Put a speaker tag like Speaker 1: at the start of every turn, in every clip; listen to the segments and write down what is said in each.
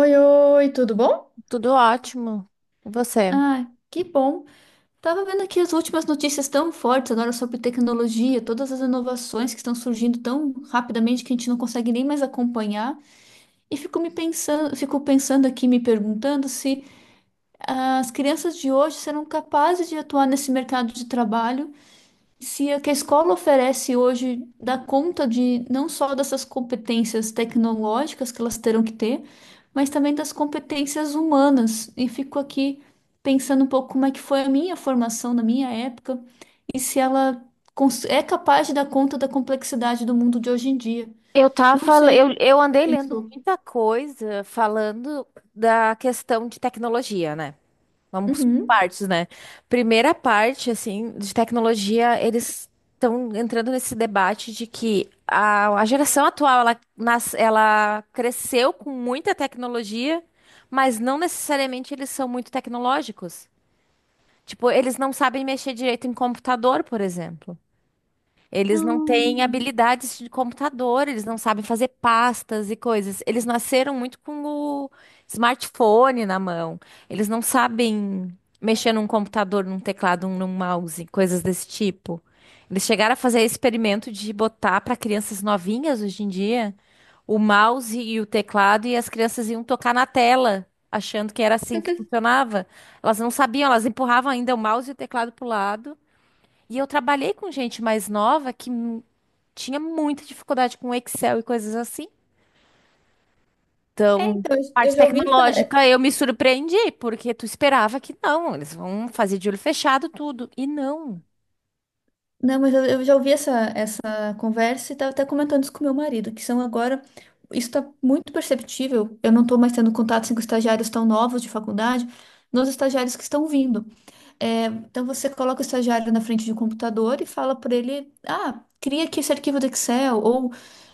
Speaker 1: Oi, oi, tudo bom?
Speaker 2: Tudo ótimo. E você?
Speaker 1: Ah, que bom. Tava vendo aqui as últimas notícias tão fortes agora sobre tecnologia, todas as inovações que estão surgindo tão rapidamente que a gente não consegue nem mais acompanhar. E fico me pensando, fico pensando aqui, me perguntando se as crianças de hoje serão capazes de atuar nesse mercado de trabalho, se a que a escola oferece hoje dá conta de não só dessas competências tecnológicas que elas terão que ter, mas também das competências humanas. E fico aqui pensando um pouco como é que foi a minha formação na minha época e se ela é capaz de dar conta da complexidade do mundo de hoje em dia.
Speaker 2: Eu
Speaker 1: Não
Speaker 2: tava, le-
Speaker 1: sei.
Speaker 2: eu
Speaker 1: Você
Speaker 2: andei lendo
Speaker 1: pensou.
Speaker 2: muita coisa falando da questão de tecnologia, né? Vamos por
Speaker 1: Uhum.
Speaker 2: partes, né? Primeira parte, assim, de tecnologia, eles estão entrando nesse debate de que a geração atual, ela cresceu com muita tecnologia, mas não necessariamente eles são muito tecnológicos. Tipo, eles não sabem mexer direito em computador, por exemplo. Eles não têm
Speaker 1: Hum.
Speaker 2: habilidades de computador, eles não sabem fazer pastas e coisas. Eles nasceram muito com o smartphone na mão. Eles não sabem mexer num computador, num teclado, num mouse, coisas desse tipo. Eles chegaram a fazer experimento de botar para crianças novinhas hoje em dia o mouse e o teclado, e as crianças iam tocar na tela, achando que era assim que funcionava. Elas não sabiam, elas empurravam ainda o mouse e o teclado para o lado. E eu trabalhei com gente mais nova que tinha muita dificuldade com Excel e coisas assim.
Speaker 1: É,
Speaker 2: Então,
Speaker 1: então, eu
Speaker 2: parte
Speaker 1: já ouvi essa.
Speaker 2: tecnológica, eu me surpreendi, porque tu esperava que não, eles vão fazer de olho fechado tudo. E não.
Speaker 1: Não, mas eu já ouvi essa, essa conversa e estava até comentando isso com meu marido, que são agora. Isso está muito perceptível. Eu não estou mais tendo contato com estagiários tão novos de faculdade, nos estagiários que estão vindo. É, então você coloca o estagiário na frente de um computador e fala para ele: ah, cria aqui esse arquivo do Excel, ou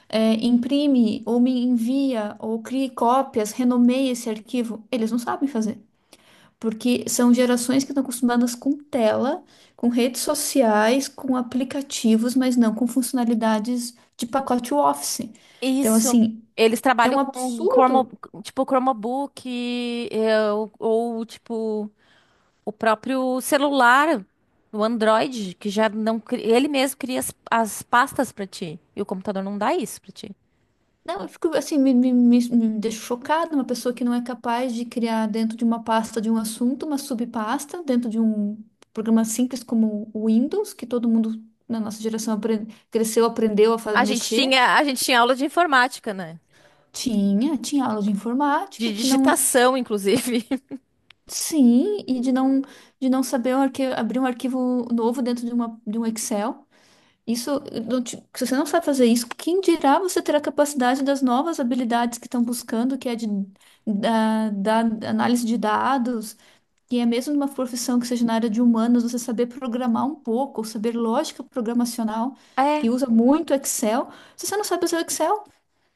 Speaker 1: é, imprime, ou me envia, ou crie cópias, renomeie esse arquivo. Eles não sabem fazer. Porque são gerações que estão acostumadas com tela, com redes sociais, com aplicativos, mas não com funcionalidades de pacote Office. Então,
Speaker 2: Isso.
Speaker 1: assim,
Speaker 2: Eles
Speaker 1: é
Speaker 2: trabalham
Speaker 1: um
Speaker 2: com cromo,
Speaker 1: absurdo.
Speaker 2: tipo Chromebook, ou tipo o próprio celular, o Android, que já não cri- ele mesmo cria as pastas pra ti. E o computador não dá isso pra ti.
Speaker 1: Não, eu fico assim, me deixo chocada, uma pessoa que não é capaz de criar dentro de uma pasta de um assunto, uma subpasta, dentro de um programa simples como o Windows, que todo mundo na nossa geração cresceu, aprendeu a
Speaker 2: A gente
Speaker 1: mexer.
Speaker 2: tinha, a gente tinha aula de informática, né?
Speaker 1: Tinha aula de
Speaker 2: De
Speaker 1: informática que não.
Speaker 2: digitação, inclusive.
Speaker 1: Sim, e de não saber o abrir um arquivo novo dentro de, uma, de um Excel. Isso, eh, se você não sabe fazer isso, quem dirá você ter a capacidade das novas habilidades que estão buscando, que é de, da análise de dados, que é mesmo numa profissão que seja na área de humanas, você saber programar um pouco, saber lógica programacional,
Speaker 2: É,
Speaker 1: que usa muito Excel. Se você não sabe usar o Excel,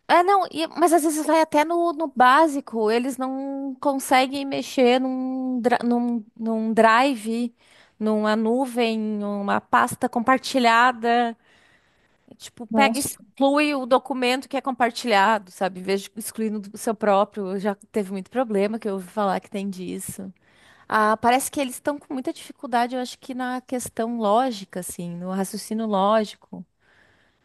Speaker 2: é não, e- Mas às vezes vai até no básico, eles não conseguem mexer num drive, numa nuvem, numa pasta compartilhada. Tipo, pega e
Speaker 1: nossa.
Speaker 2: exclui o documento que é compartilhado, sabe? Em vez de excluir no do seu próprio. Já teve muito problema que eu ouvi falar que tem disso. Ah, parece que eles estão com muita dificuldade, eu acho que na questão lógica, assim, no raciocínio lógico,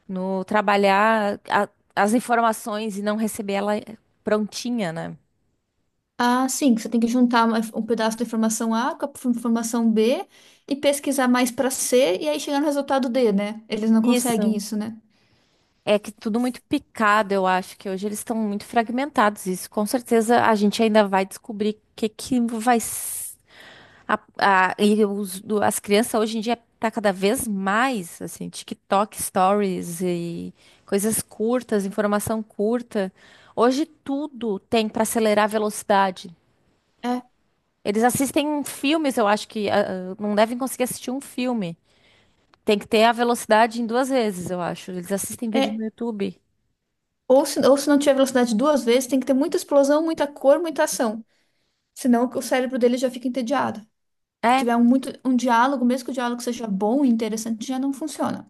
Speaker 2: no trabalhar as informações e não receber ela prontinha, né?
Speaker 1: Ah, sim, que você tem que juntar um pedaço da informação A com a informação B e pesquisar mais para C e aí chegar no resultado D, né? Eles não conseguem
Speaker 2: Isso.
Speaker 1: isso, né?
Speaker 2: É que tudo muito picado, eu acho que hoje eles estão muito fragmentados. Isso com certeza a gente ainda vai descobrir o que que vai. As crianças hoje em dia tá cada vez mais, assim, TikTok, Stories e coisas curtas, informação curta. Hoje tudo tem para acelerar a velocidade.
Speaker 1: É.
Speaker 2: Eles assistem filmes, eu acho que não devem conseguir assistir um filme. Tem que ter a velocidade em duas vezes, eu acho. Eles assistem vídeo
Speaker 1: É,
Speaker 2: no YouTube.
Speaker 1: ou se não tiver velocidade duas vezes, tem que ter muita explosão, muita cor, muita ação. Senão o cérebro dele já fica entediado. Se
Speaker 2: É.
Speaker 1: tiver um, muito, um diálogo, mesmo que o diálogo seja bom e interessante, já não funciona.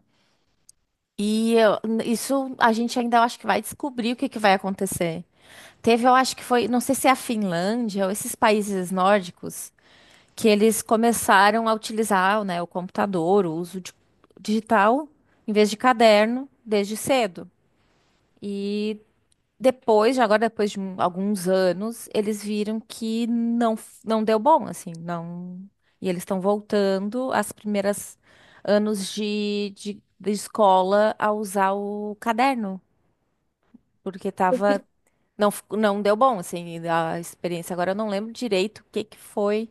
Speaker 2: Isso a gente ainda eu acho que vai descobrir o que que vai acontecer. Teve, eu acho que foi, não sei se é a Finlândia ou esses países nórdicos que eles começaram a utilizar, né, o computador, digital, em vez de caderno, desde cedo. E depois, já agora depois de alguns anos, eles viram que não, não deu bom, assim, não. E eles estão voltando às primeiras anos de escola a usar o caderno, porque tava,
Speaker 1: Porque
Speaker 2: não, não deu bom, assim, a experiência. Agora eu não lembro direito o que que foi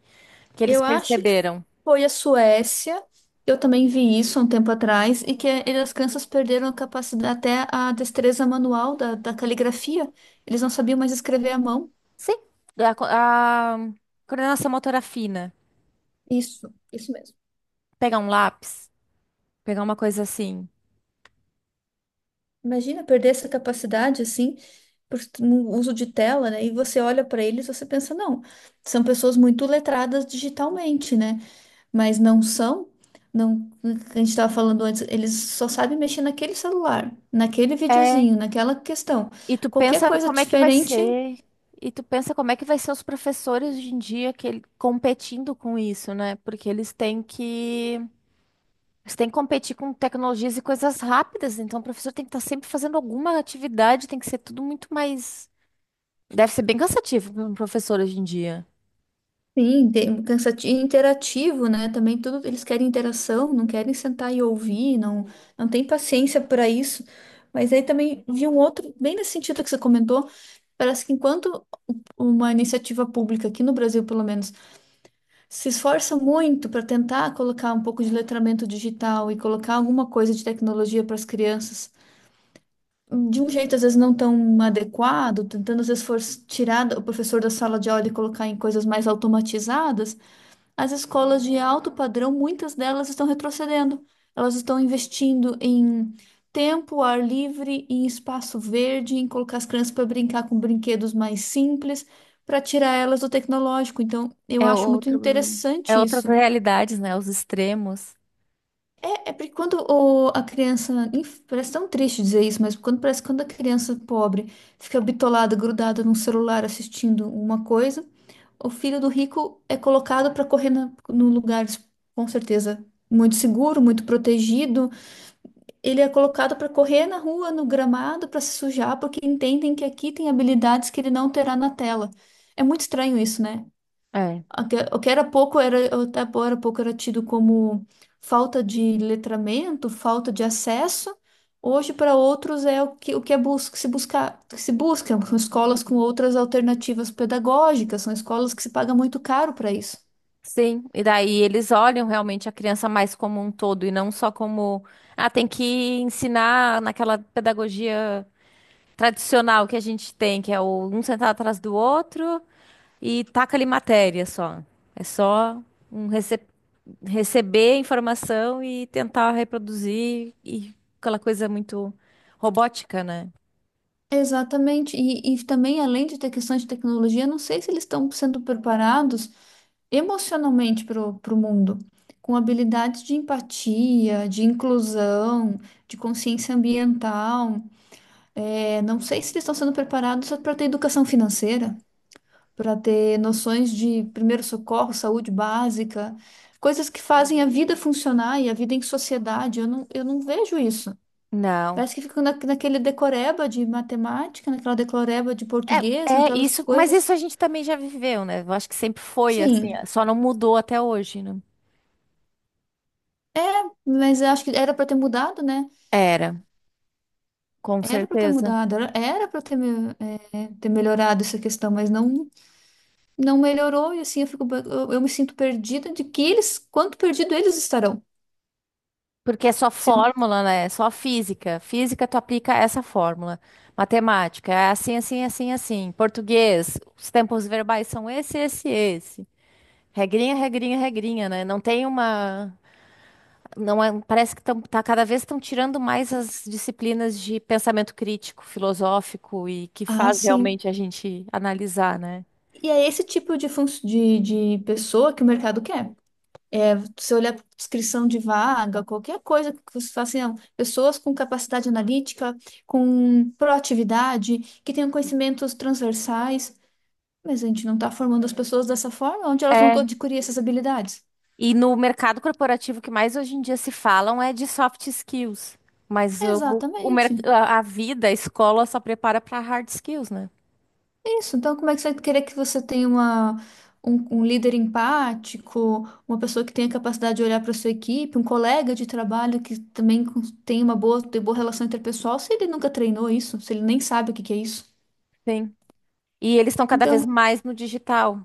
Speaker 2: que eles
Speaker 1: eu acho que
Speaker 2: perceberam.
Speaker 1: foi a Suécia, eu também vi isso há um tempo atrás, e que eles crianças perderam a capacidade, até a destreza manual da, da caligrafia. Eles não sabiam mais escrever à mão.
Speaker 2: Sim. A coordenação motora fina.
Speaker 1: Isso mesmo.
Speaker 2: Pegar um lápis, pegar uma coisa assim.
Speaker 1: Imagina perder essa capacidade, assim, por um uso de tela, né? E você olha para eles, você pensa, não, são pessoas muito letradas digitalmente, né? Mas não são. Não, a gente estava falando antes, eles só sabem mexer naquele celular, naquele
Speaker 2: É,
Speaker 1: videozinho, naquela questão.
Speaker 2: E tu
Speaker 1: Qualquer
Speaker 2: pensa
Speaker 1: coisa
Speaker 2: como é que vai
Speaker 1: diferente.
Speaker 2: ser. E tu pensa como é que vai ser os professores hoje em dia que competindo com isso, né? Porque eles têm que competir com tecnologias e coisas rápidas, então o professor tem que estar sempre fazendo alguma atividade, tem que ser tudo muito mais, deve ser bem cansativo para um professor hoje em dia.
Speaker 1: Sim, tem- um cansativo, interativo, né? Também tudo, eles querem interação, não querem sentar e ouvir, não, não tem paciência para isso. Mas aí também vi um outro, bem nesse sentido que você comentou, parece que enquanto uma iniciativa pública, aqui no Brasil pelo menos, se esforça muito para tentar colocar um pouco de letramento digital e colocar alguma coisa de tecnologia para as crianças, de um jeito às vezes não tão adequado, tentando às vezes for tirar o professor da sala de aula e colocar em coisas mais automatizadas, as escolas de alto padrão, muitas delas estão retrocedendo. Elas estão investindo em tempo, ar livre, em espaço verde, em colocar as crianças para brincar com brinquedos mais simples, para tirar elas do tecnológico. Então, eu
Speaker 2: É
Speaker 1: acho muito
Speaker 2: outro é
Speaker 1: interessante
Speaker 2: outras
Speaker 1: isso.
Speaker 2: realidades, né? Os extremos.
Speaker 1: É porque quando a criança. Parece tão triste dizer isso, mas quando parece que quando a criança pobre fica bitolada, grudada num celular assistindo uma coisa, o filho do rico é colocado para correr na, num lugar, com certeza, muito seguro, muito protegido. Ele é colocado para correr na rua, no gramado, para se sujar, porque entendem que aqui tem habilidades que ele não terá na tela. É muito estranho isso, né?
Speaker 2: É.
Speaker 1: O que era pouco era, até agora pouco era tido como falta de letramento, falta de acesso. Hoje, para outros, é o que é bus que se busca, que se busca. São escolas com outras alternativas pedagógicas, são escolas que se paga muito caro para isso.
Speaker 2: Sim, e daí eles olham realmente a criança mais como um todo e não só como, ah, tem que ensinar naquela pedagogia tradicional que a gente tem, que é o um sentado atrás do outro e taca ali matéria só. É só um rece- receber informação e tentar reproduzir e aquela coisa muito robótica, né?
Speaker 1: Exatamente. E também, além de ter questões de tecnologia, não sei se eles estão sendo preparados emocionalmente para o mundo, com habilidades de empatia, de inclusão, de consciência ambiental. É, não sei se eles estão sendo preparados para ter educação financeira, para ter noções de primeiro socorro, saúde básica, coisas que fazem a vida funcionar e a vida em sociedade. Eu não vejo isso.
Speaker 2: Não.
Speaker 1: Parece que fica na, naquele decoreba de matemática, naquela decoreba de
Speaker 2: É,
Speaker 1: português,
Speaker 2: é
Speaker 1: naquelas
Speaker 2: isso, mas
Speaker 1: coisas.
Speaker 2: isso a gente também já viveu, né? Eu acho que sempre foi assim,
Speaker 1: Sim,
Speaker 2: só não mudou até hoje, né?
Speaker 1: mas eu acho que era para ter mudado, né?
Speaker 2: Era. Com
Speaker 1: Era para ter
Speaker 2: certeza.
Speaker 1: mudado, era, era para ter, é, ter melhorado essa questão, mas não, não melhorou e assim eu fico, eu me sinto perdida de que eles, quanto perdido eles estarão.
Speaker 2: Porque é só
Speaker 1: Se o-
Speaker 2: fórmula, né? É só física. Física, tu aplica essa fórmula. Matemática, é assim, assim, assim, assim. Português, os tempos verbais são esse, esse, esse. Regrinha, regrinha, regrinha, né? Não tem uma. Não é- Parece que tá, cada vez estão tirando mais as disciplinas de pensamento crítico, filosófico e que
Speaker 1: Ah,
Speaker 2: faz
Speaker 1: sim.
Speaker 2: realmente a gente analisar, né?
Speaker 1: E é esse tipo de, de pessoa que o mercado quer. É, se olhar para descrição de vaga, qualquer coisa que você fala assim, não, pessoas com capacidade analítica, com proatividade, que tenham conhecimentos transversais. Mas a gente não está formando as pessoas dessa forma, onde elas vão
Speaker 2: É.
Speaker 1: adquirir essas habilidades?
Speaker 2: E no mercado corporativo, o que mais hoje em dia se falam é de soft skills. Mas o
Speaker 1: Exatamente.
Speaker 2: mer- a vida, a escola só prepara para hard skills, né?
Speaker 1: É isso, então como é que você vai querer que você tenha uma, um líder empático, uma pessoa que tenha capacidade de olhar para sua equipe, um colega de trabalho que também tem uma boa, tem boa relação interpessoal, se ele nunca treinou isso, se ele nem sabe o que que é isso?
Speaker 2: Sim. E eles estão cada vez
Speaker 1: Então,
Speaker 2: mais no digital.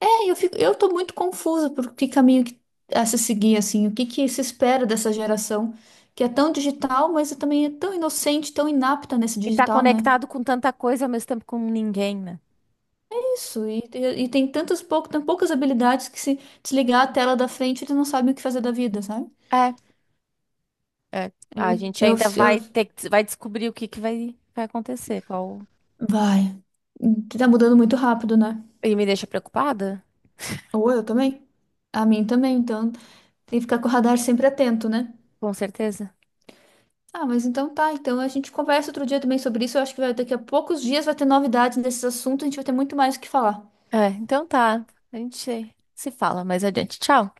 Speaker 1: é, eu fico, eu tô muito confusa por que caminho que, a se seguir, assim, o que que se espera dessa geração que é tão digital, mas também é tão inocente, tão inapta nesse
Speaker 2: E tá
Speaker 1: digital, né?
Speaker 2: conectado com tanta coisa ao mesmo tempo com ninguém, né?
Speaker 1: Isso, e, e tem tantas pouco, tão poucas habilidades que se desligar a tela da frente, eles não sabem o que fazer da vida, sabe?
Speaker 2: É, é.
Speaker 1: Eu,
Speaker 2: A gente
Speaker 1: eu,
Speaker 2: ainda
Speaker 1: eu,
Speaker 2: vai ter, vai descobrir o que que vai, vai acontecer. Qual...
Speaker 1: vai. Tá mudando muito rápido, né?
Speaker 2: E me deixa preocupada?
Speaker 1: Ou eu também. A mim também, então tem que ficar com o radar sempre atento, né?
Speaker 2: Com certeza.
Speaker 1: Ah, mas então tá, então a gente conversa outro dia também sobre isso. Eu acho que vai, daqui a poucos dias vai ter novidades nesses assuntos, a gente vai ter muito mais o que falar.
Speaker 2: É, então tá. A gente se fala mais adiante. Tchau.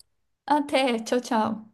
Speaker 1: Até, tchau, tchau.